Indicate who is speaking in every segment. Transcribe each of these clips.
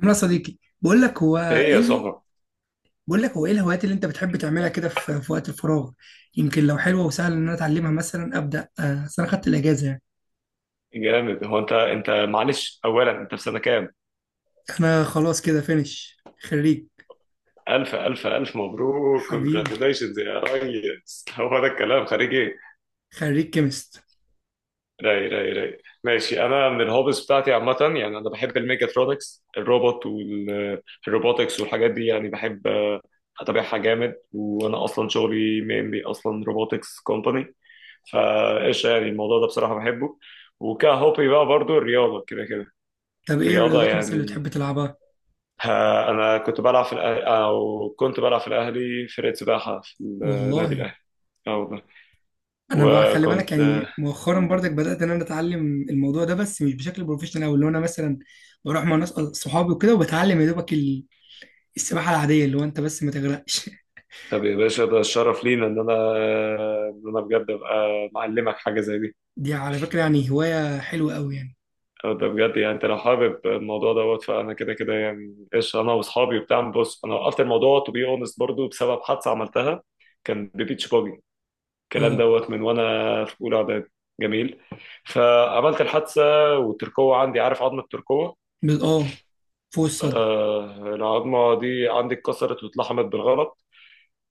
Speaker 1: عمرو يا صديقي،
Speaker 2: ايه يا صاحبي.
Speaker 1: بقول لك هو ايه الهوايات اللي انت بتحب تعملها كده في وقت الفراغ. يمكن لو حلوه وسهل ان انا اتعلمها مثلا ابدا، اصل انا خدت الاجازه يعني.
Speaker 2: جامد. هو انت معلش، اولا انت في سنه كام؟
Speaker 1: انا خلاص كده فينش خريج.
Speaker 2: الف الف الف مبروك،
Speaker 1: حبيبي.
Speaker 2: كونجراتيليشنز يا ريس. هو ده الكلام، خارج ايه؟
Speaker 1: خريج كيمست.
Speaker 2: راي راي راي، ماشي. انا من الهوبز بتاعتي عامه، يعني انا بحب الميكاترونكس، الروبوت والروبوتكس والحاجات دي، يعني بحب اتابعها جامد. وانا اصلا شغلي مينلي اصلا روبوتكس كومباني، فايش يعني الموضوع ده بصراحه بحبه. وكهوبي بقى برضو الرياضه كده كده.
Speaker 1: طب ايه
Speaker 2: الرياضه
Speaker 1: الرياضات مثلا اللي
Speaker 2: يعني.
Speaker 1: بتحب تلعبها؟
Speaker 2: ها، انا كنت بلعب في الأهلي، او كنت بلعب في الاهلي فرقه سباحه في النادي
Speaker 1: والله،
Speaker 2: الاهلي. اه والله.
Speaker 1: انا بقى خلي بالك
Speaker 2: وكنت.
Speaker 1: يعني مؤخرا برضك بدات ان انا اتعلم الموضوع ده، بس مش بشكل بروفيشنال او اللي هو انا مثلا بروح مع ناس، صحابي وكده وبتعلم يا دوبك السباحه العاديه اللي هو انت بس ما تغرقش.
Speaker 2: طب يا باشا، ده الشرف لينا ان انا بجد ابقى معلمك حاجه زي دي.
Speaker 1: دي على فكرة يعني هواية حلوة قوي يعني.
Speaker 2: أو ده بجد، يعني انت لو حابب الموضوع دوت فانا كده كده، يعني ايش انا واصحابي وبتاع. بص انا وقفت الموضوع تو بي اونست برضه بسبب حادثه عملتها. كان ببيتش باجي الكلام
Speaker 1: اه
Speaker 2: دوت من وانا في اولى اعدادي. جميل. فعملت الحادثه. والتركوه عندي، عارف، عظمه التركوه.
Speaker 1: اه، فوق الصدر.
Speaker 2: العظمة دي عندي اتكسرت واتلحمت بالغلط.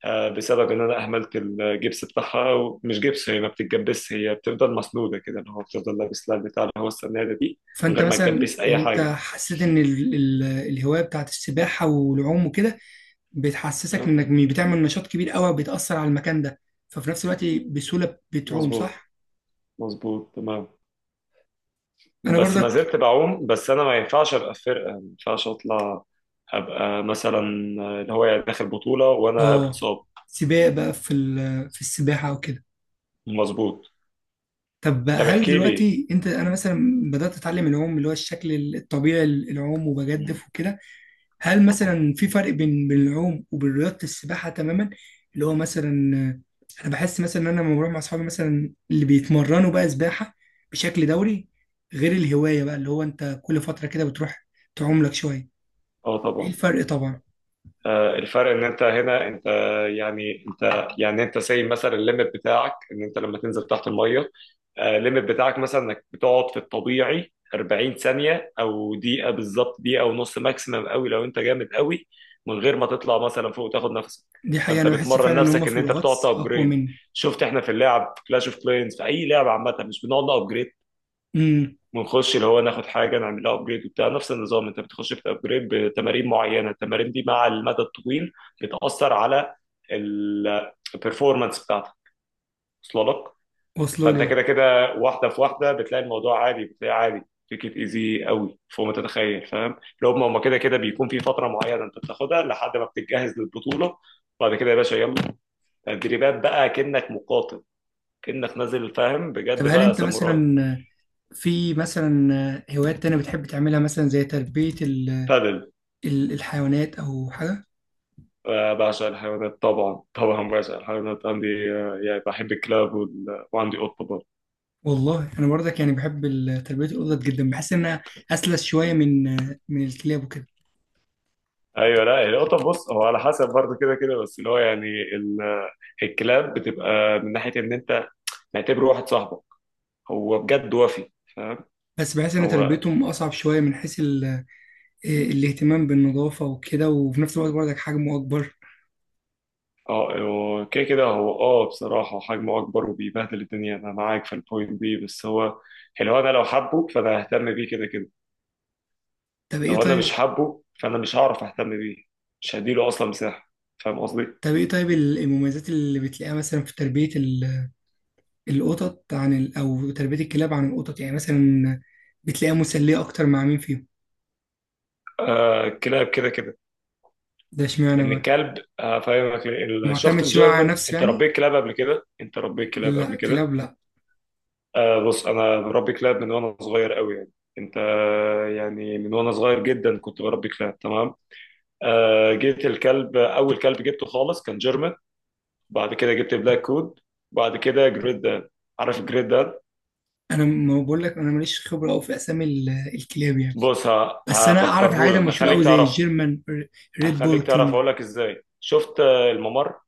Speaker 2: بسبب إن أنا أهملت الجبس بتاعها. ومش جبس، هي ما بتتجبسش، هي بتفضل مسنودة كده، اللي هو بتفضل لابس لها بتاع اللي هو السنادة دي. من
Speaker 1: فانت
Speaker 2: غير ما
Speaker 1: مثلا
Speaker 2: تجبس أي
Speaker 1: يعني انت
Speaker 2: حاجة.
Speaker 1: حسيت ان ال الهواية بتاعت السباحة والعوم وكده بتحسسك انك بتعمل نشاط كبير قوي بتأثر على المكان ده، ففي نفس الوقت بسهولة بتعوم،
Speaker 2: مظبوط.
Speaker 1: صح؟
Speaker 2: مظبوط تمام.
Speaker 1: انا
Speaker 2: بس ما
Speaker 1: برضك،
Speaker 2: زلت بعوم. بس أنا ما ينفعش أبقى في فرقة، ما ينفعش أطلع أبقى مثلا اللي هو يعني داخل بطولة وأنا
Speaker 1: اه
Speaker 2: بإصابة.
Speaker 1: سباق بقى في السباحة وكده.
Speaker 2: مظبوط.
Speaker 1: طب بقى
Speaker 2: طب
Speaker 1: هل
Speaker 2: احكي لي.
Speaker 1: دلوقتي انا مثلا بدأت اتعلم العوم اللي هو الشكل الطبيعي للعوم
Speaker 2: مم.
Speaker 1: وبجدف وكده. هل مثلا في فرق بين العوم وبين رياضة السباحة تماما؟ اللي هو مثلا، انا بحس مثلا ان انا لما بروح مع اصحابي مثلا اللي بيتمرنوا بقى سباحة بشكل دوري، غير الهواية بقى اللي هو انت كل فترة كده بتروح تعوم لك شوية.
Speaker 2: اه
Speaker 1: ايه
Speaker 2: طبعا.
Speaker 1: الفرق طبعا.
Speaker 2: الفرق ان انت هنا انت، يعني انت سايب مثلا الليمت بتاعك، ان انت لما تنزل تحت الميه. الليمت بتاعك مثلا انك بتقعد في الطبيعي 40 ثانيه، او دقيقه بالظبط، دقيقه ونص ماكسيمم قوي لو انت جامد قوي. من غير ما تطلع مثلا فوق تاخد نفسك.
Speaker 1: دي حقيقة
Speaker 2: فانت
Speaker 1: انا بحس
Speaker 2: بتمرن
Speaker 1: فعلا ان هم
Speaker 2: نفسك
Speaker 1: في
Speaker 2: ان انت بتقعد
Speaker 1: الغطس اقوى
Speaker 2: تابجريد.
Speaker 1: مني.
Speaker 2: شفت؟ احنا في اللعب في كلاش اوف كلينز، في اي لعبه عامه، مش بنقعد نابجريد
Speaker 1: امم
Speaker 2: ونخش اللي هو ناخد حاجه نعمل لها ابجريد وبتاع. نفس النظام، انت بتخش بتابجريد بتمارين معينه، التمارين دي مع المدى الطويل بتاثر على البرفورمانس بتاعتك. وصل لك؟
Speaker 1: واصله
Speaker 2: فانت
Speaker 1: لي أهو.
Speaker 2: كده كده، واحده في واحده بتلاقي الموضوع عادي، بتلاقي عادي تيكت ايزي قوي فوق ما تتخيل، فاهم؟ لو هم كده كده بيكون في فتره معينه انت بتاخدها لحد ما بتتجهز للبطوله. بعد كده يا باشا، يلا تدريبات بقى كأنك مقاتل، كأنك نازل فاهم،
Speaker 1: طب
Speaker 2: بجد
Speaker 1: هل
Speaker 2: بقى
Speaker 1: انت
Speaker 2: ساموراي.
Speaker 1: مثلا، في مثلا، هوايات تانية بتحب تعملها مثلا زي تربية
Speaker 2: بادل.
Speaker 1: الحيوانات او حاجة؟
Speaker 2: بعشق الحيوانات، طبعا طبعا بعشق الحيوانات. عندي يعني بحب الكلاب وعندي قطة برضه.
Speaker 1: والله انا برضك يعني بحب تربيه القطط جدا، بحس انها اسلس شويه من الكلاب وكده.
Speaker 2: ايوه لا، القطة بص هو على حسب برضه كده كده، بس اللي هو يعني الكلاب بتبقى من ناحية ان انت معتبره واحد صاحبك، هو بجد وفي، فاهم.
Speaker 1: بس بحس ان
Speaker 2: هو
Speaker 1: تربيتهم اصعب شويه من حيث الاهتمام بالنظافه وكده، وفي نفس الوقت برضك حجمه اكبر.
Speaker 2: اه هو كده كده، هو بصراحة حجمه اكبر وبيبهدل الدنيا. انا معاك في البوينت دي، بس هو اللي هو انا لو حبه فانا ههتم بيه كده كده.
Speaker 1: طب ايه
Speaker 2: لو انا مش
Speaker 1: طيب
Speaker 2: حابه فانا مش هعرف اهتم بيه، مش هديله اصلا مساحة. فاهم قصدي؟
Speaker 1: طب ايه طيب المميزات اللي بتلاقيها مثلا في تربيه القطط عن او تربيه الكلاب عن القطط يعني مثلا، بتلاقيها مسليه اكتر مع مين فيهم؟
Speaker 2: كلاب كده كده.
Speaker 1: ده اشمعنى
Speaker 2: ان
Speaker 1: بقى؟
Speaker 2: الكلب، هفهمك ليه.
Speaker 1: معتمد
Speaker 2: الشفت
Speaker 1: شويه على
Speaker 2: الجيرمان،
Speaker 1: نفسه
Speaker 2: انت
Speaker 1: يعني.
Speaker 2: ربيت كلاب قبل كده؟ انت ربيت كلاب
Speaker 1: لا،
Speaker 2: قبل كده؟
Speaker 1: كلاب لا.
Speaker 2: بص انا بربي كلاب من وانا صغير قوي، يعني انت يعني من وانا صغير جدا كنت بربي كلاب تمام. جيت الكلب، اول كلب جبته خالص كان جيرمان. بعد كده جبت بلاك كود. بعد كده جريت دان. عارف جريت دان؟
Speaker 1: انا ما بقول لك انا ماليش خبره قوي في اسامي الكلاب يعني،
Speaker 2: بص
Speaker 1: بس انا اعرف الحاجات
Speaker 2: هفكرهولك،
Speaker 1: المشهوره قوي
Speaker 2: هخليك
Speaker 1: زي
Speaker 2: تعرفه.
Speaker 1: الجيرمان، ريد بول
Speaker 2: هخليك تعرف
Speaker 1: الكلام ده.
Speaker 2: اقول لك ازاي. شفت الممر،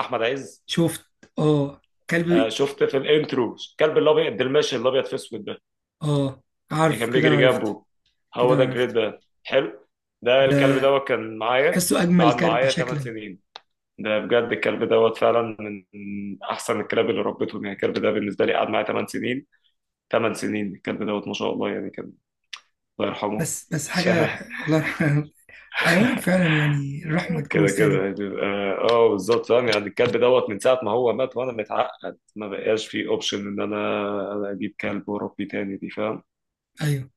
Speaker 2: احمد عز.
Speaker 1: شفت. اه. كلب.
Speaker 2: شفت في الانترو الكلب الابيض الماشي الابيض في اسود ده،
Speaker 1: اه،
Speaker 2: اللي
Speaker 1: عارف،
Speaker 2: كان
Speaker 1: كده انا
Speaker 2: بيجري
Speaker 1: عرفت
Speaker 2: جنبه،
Speaker 1: كده
Speaker 2: هو ده
Speaker 1: انا عرفت
Speaker 2: الجريت. ده حلو. ده
Speaker 1: ده
Speaker 2: الكلب دوت كان معايا،
Speaker 1: بحسه اجمل
Speaker 2: قعد
Speaker 1: كلب
Speaker 2: معايا 8
Speaker 1: شكلا.
Speaker 2: سنين. ده بجد الكلب دوت فعلا من احسن الكلاب اللي ربيتهم، يعني الكلب ده بالنسبه لي قعد معايا 8 سنين. 8 سنين الكلب دوت، ما شاء الله، يعني كان. الله يرحمه.
Speaker 1: بس حاجه ح- الله يرحمه حيوان فعلا يعني الرحمه
Speaker 2: كده
Speaker 1: تجوز
Speaker 2: كده
Speaker 1: تقريبا.
Speaker 2: يعني بيبقى. اه بالظبط، فاهم. يعني الكلب دوت من ساعه ما هو مات وانا متعقد، ما بقاش فيه اوبشن ان انا اجيب كلب واربيه تاني دي، فاهم.
Speaker 1: ايوه،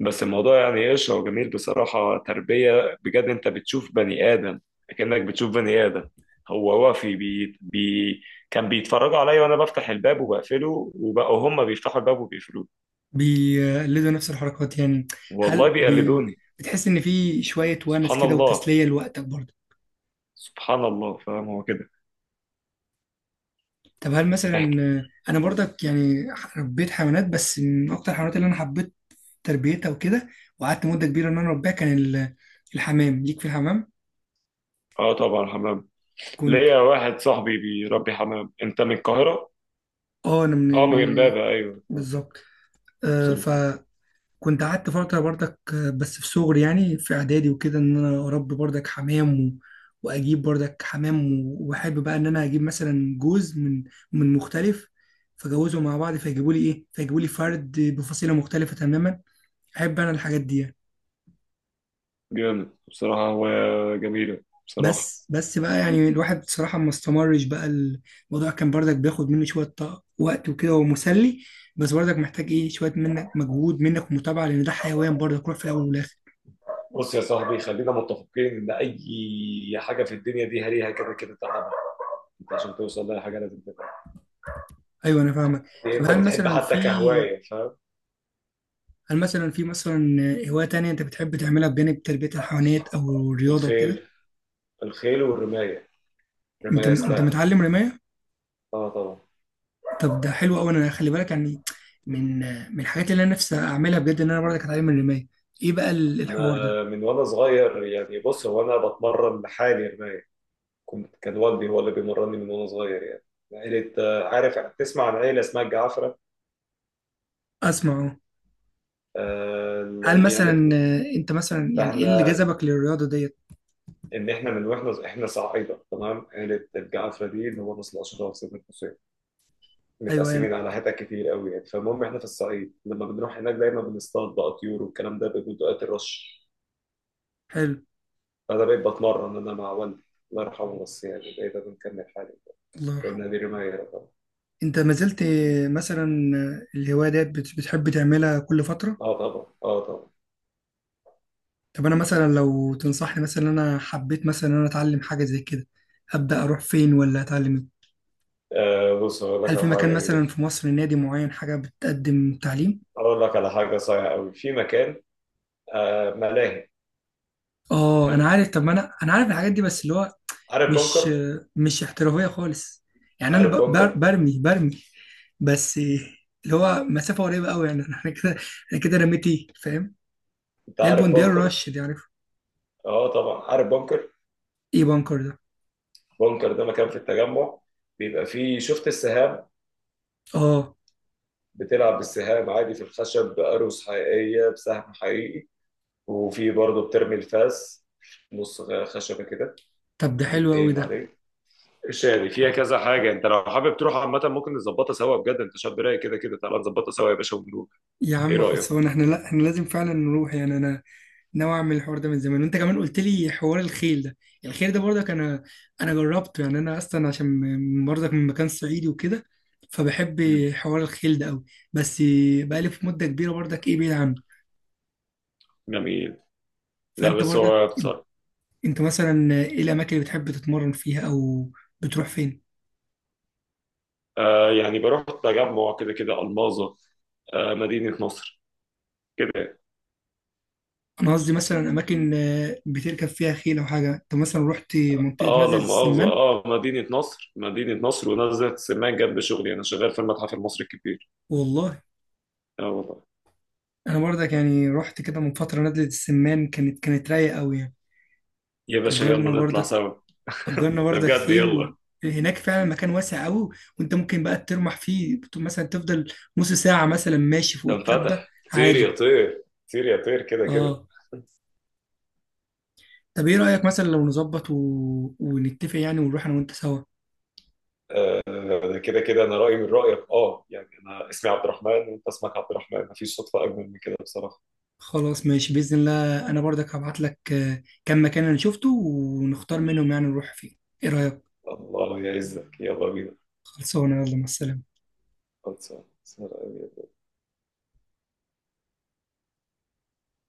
Speaker 2: بس الموضوع يعني ايش؟ هو جميل بصراحة، تربية بجد انت بتشوف بني آدم، كأنك بتشوف بني آدم. هو وافي بي بي كان بيتفرجوا عليا وانا بفتح الباب وبقفله، وبقوا هم بيفتحوا الباب وبيقفلوه.
Speaker 1: بيقلدوا نفس الحركات يعني.
Speaker 2: والله
Speaker 1: هل
Speaker 2: بيقلدوني.
Speaker 1: بتحس ان في شويه ونس
Speaker 2: سبحان
Speaker 1: كده
Speaker 2: الله.
Speaker 1: وتسليه لوقتك برضه؟
Speaker 2: سبحان الله، فاهم، هو كده.
Speaker 1: طب هل مثلا،
Speaker 2: احكي.
Speaker 1: انا برضك يعني ربيت حيوانات، بس من اكتر الحيوانات اللي انا حبيت تربيتها وكده وقعدت مده كبيره ان انا اربيها كان الحمام. ليك في الحمام
Speaker 2: اه طبعا، حمام.
Speaker 1: كنت.
Speaker 2: ليا واحد صاحبي بيربي حمام. انت من القاهرة؟
Speaker 1: اه، انا
Speaker 2: اه
Speaker 1: من,
Speaker 2: من
Speaker 1: من
Speaker 2: امبابة، ايوه أيوة.
Speaker 1: بالظبط.
Speaker 2: سوري.
Speaker 1: فكنت قعدت فتره برضك، بس في صغري يعني في اعدادي وكده ان انا اربي برضك حمام واجيب برضك حمام واحب بقى ان انا اجيب مثلا جوز من مختلف، فجوزهم مع بعض فيجيبوا لي فرد بفصيله مختلفه تماما. احب انا الحاجات دي يعني.
Speaker 2: جامد بصراحة. هو جميلة بصراحة.
Speaker 1: بس بقى يعني الواحد بصراحة ما استمرش. بقى الموضوع كان برضك بياخد منه شوية وقت وكده ومسلي، بس برضك محتاج ايه شوية منك، مجهود منك ومتابعة لأن ده حيوان برضك روح في الأول والآخر.
Speaker 2: بص يا صاحبي، خلينا متفقين ان اي حاجه في الدنيا دي هريها كده كده تعبها. انت عشان توصل لها حاجه لازم تتعب.
Speaker 1: أيوه أنا فاهمك.
Speaker 2: دي
Speaker 1: طب
Speaker 2: انت
Speaker 1: هل
Speaker 2: بتحب
Speaker 1: مثلا
Speaker 2: حتى
Speaker 1: في
Speaker 2: كهوايه، فاهم.
Speaker 1: هل مثلا في مثلا هواية تانية أنت بتحب تعملها بجانب تربية الحيوانات أو الرياضة وكده؟
Speaker 2: الخيل. الخيل والرمايه.
Speaker 1: أنت
Speaker 2: رمايه
Speaker 1: أنت
Speaker 2: سلاح.
Speaker 1: متعلم رماية؟
Speaker 2: اه طبعا.
Speaker 1: طب ده حلو أوي، أنا خلي بالك يعني من من الحاجات اللي أنا نفسي أعملها بجد إن أنا برضك أتعلم الرماية. إيه بقى الحوار ده؟
Speaker 2: انا من وانا صغير، يعني بص هو انا بتمرن لحالي رمايه، كان والدي هو اللي بيمرني من وانا صغير يعني. عيلة عارف، تسمع عن عيلة اسمها الجعفرة؟
Speaker 1: أسمع أهو. هل
Speaker 2: دي
Speaker 1: مثلا،
Speaker 2: عيلتنا.
Speaker 1: انت مثلا يعني ايه اللي
Speaker 2: فاحنا
Speaker 1: جذبك للرياضه ديت؟
Speaker 2: ان احنا من واحنا صعايدة تمام، عيلة الجعفرة دي اللي هو نسل اشراف سيدنا الحسين.
Speaker 1: ايوه
Speaker 2: متقسمين
Speaker 1: يعني.
Speaker 2: على حتت كتير قوي يعني. فالمهم احنا في الصعيد لما بنروح هناك دايما بنصطاد بقى طيور والكلام ده، بيبقوا اوقات الرش.
Speaker 1: حلو.
Speaker 2: فانا بقيت بتمرن انا مع والدي، الله يرحمه، بس يعني بقيت بنكمل حالي
Speaker 1: الله
Speaker 2: في
Speaker 1: يرحمه.
Speaker 2: نادي رماية طبعا.
Speaker 1: انت ما زلت، مثلا، الهوايه ديت بتحب تعملها كل فتره؟
Speaker 2: اه طبعا، اه طبعا.
Speaker 1: طب انا مثلا لو تنصحني مثلا إن انا حبيت مثلا ان انا اتعلم حاجه زي كده، ابدا اروح فين ولا اتعلم إيه؟
Speaker 2: بص هقول لك
Speaker 1: هل في
Speaker 2: على
Speaker 1: مكان
Speaker 2: حاجه جميله
Speaker 1: مثلا
Speaker 2: فيه.
Speaker 1: في مصر، نادي معين، حاجه بتقدم تعليم؟
Speaker 2: اقول لك على حاجه صايعه قوي في مكان. ملاهي.
Speaker 1: اه
Speaker 2: حلو.
Speaker 1: انا عارف. طب ما انا عارف الحاجات دي بس اللي هو
Speaker 2: عارف
Speaker 1: مش
Speaker 2: بنكر؟
Speaker 1: آه، مش احترافيه خالص يعني. انا
Speaker 2: عارف
Speaker 1: ب- بر-
Speaker 2: بنكر؟
Speaker 1: برمي برمي بس اللي هو مسافه قريبه قوي يعني. احنا كده رميتي فاهم.
Speaker 2: انت
Speaker 1: ده
Speaker 2: عارف
Speaker 1: البوندير
Speaker 2: بنكر؟
Speaker 1: رش، دي عارف.
Speaker 2: اه طبعا عارف بنكر.
Speaker 1: ايه بانكر ده؟
Speaker 2: بنكر ده مكان في التجمع، بيبقى فيه، شفت السهام؟
Speaker 1: اه،
Speaker 2: بتلعب بالسهام عادي في الخشب بأروس حقيقية بسهم حقيقي. وفي برضه بترمي الفاس، نص خشبة كده
Speaker 1: طب ده حلو قوي
Speaker 2: تتقيم
Speaker 1: ده.
Speaker 2: عليه. شادي فيها كذا حاجة، انت لو حابب تروح عامة ممكن نظبطها سوا، بجد انت شاب رايق كده كده، تعالى نظبطها سوا يا باشا ونروح.
Speaker 1: يا
Speaker 2: ايه
Speaker 1: عم
Speaker 2: رأيك؟
Speaker 1: خلصان، احنا لا، احنا لازم فعلا نروح يعني. انا ناوي اعمل الحوار ده من زمان، وانت كمان قلت لي حوار الخيل ده. الخيل ده برضك، انا جربته يعني، انا اصلا عشان برضك من مكان صعيدي وكده، فبحب
Speaker 2: مم.
Speaker 1: حوار الخيل ده قوي. بس بقالي في مده كبيره برضك ايه بعيد عنه.
Speaker 2: جميل. لا
Speaker 1: فانت
Speaker 2: بس
Speaker 1: برضك
Speaker 2: هو بصراحة.
Speaker 1: انت مثلا ايه الاماكن اللي بتحب تتمرن فيها او بتروح فين؟
Speaker 2: يعني بروح تجمع كده كده ألماظة، مدينة نصر كده.
Speaker 1: انا قصدي مثلا اماكن، بتركب فيها خيل او حاجه. انت مثلا رحت منطقه
Speaker 2: اه
Speaker 1: نزلة
Speaker 2: لا مؤاخذة،
Speaker 1: السمان؟
Speaker 2: اه مدينة نصر، مدينة نصر ونزلة سمان جنب شغلي، انا شغال في المتحف المصري الكبير.
Speaker 1: والله
Speaker 2: اه والله.
Speaker 1: انا برضك يعني رحت كده من فتره نزلة السمان، كانت رايقه قوي يعني.
Speaker 2: يا باشا، يلا
Speaker 1: اجرنا
Speaker 2: نطلع
Speaker 1: برضك
Speaker 2: سوا.
Speaker 1: اجرنا
Speaker 2: ده
Speaker 1: برضك
Speaker 2: بجد،
Speaker 1: خيل.
Speaker 2: يلا.
Speaker 1: هناك فعلا مكان واسع قوي، وانت ممكن بقى ترمح فيه مثلا تفضل نص ساعه مثلا ماشي فوق
Speaker 2: ده
Speaker 1: التبه
Speaker 2: انفتح طير يا
Speaker 1: عادي.
Speaker 2: طير، طير يا طير كده كده.
Speaker 1: اه، طب ايه رايك مثلا لو نظبط ونتفق يعني ونروح انا وانت سوا؟
Speaker 2: آه، ده كده كده انا رايي من رايك، اه يعني انا اسمي عبد الرحمن وانت اسمك عبد الرحمن، مفيش صدفه اجمل من كده بصراحه.
Speaker 1: خلاص ماشي بإذن الله. أنا برضك هبعت لك، كم مكان أنا شفته ونختار منهم يعني نروح فين. إيه رأيك؟
Speaker 2: الله يعزك، يلا بينا.
Speaker 1: خلصانة، يلا مع السلامة.
Speaker 2: خلصان.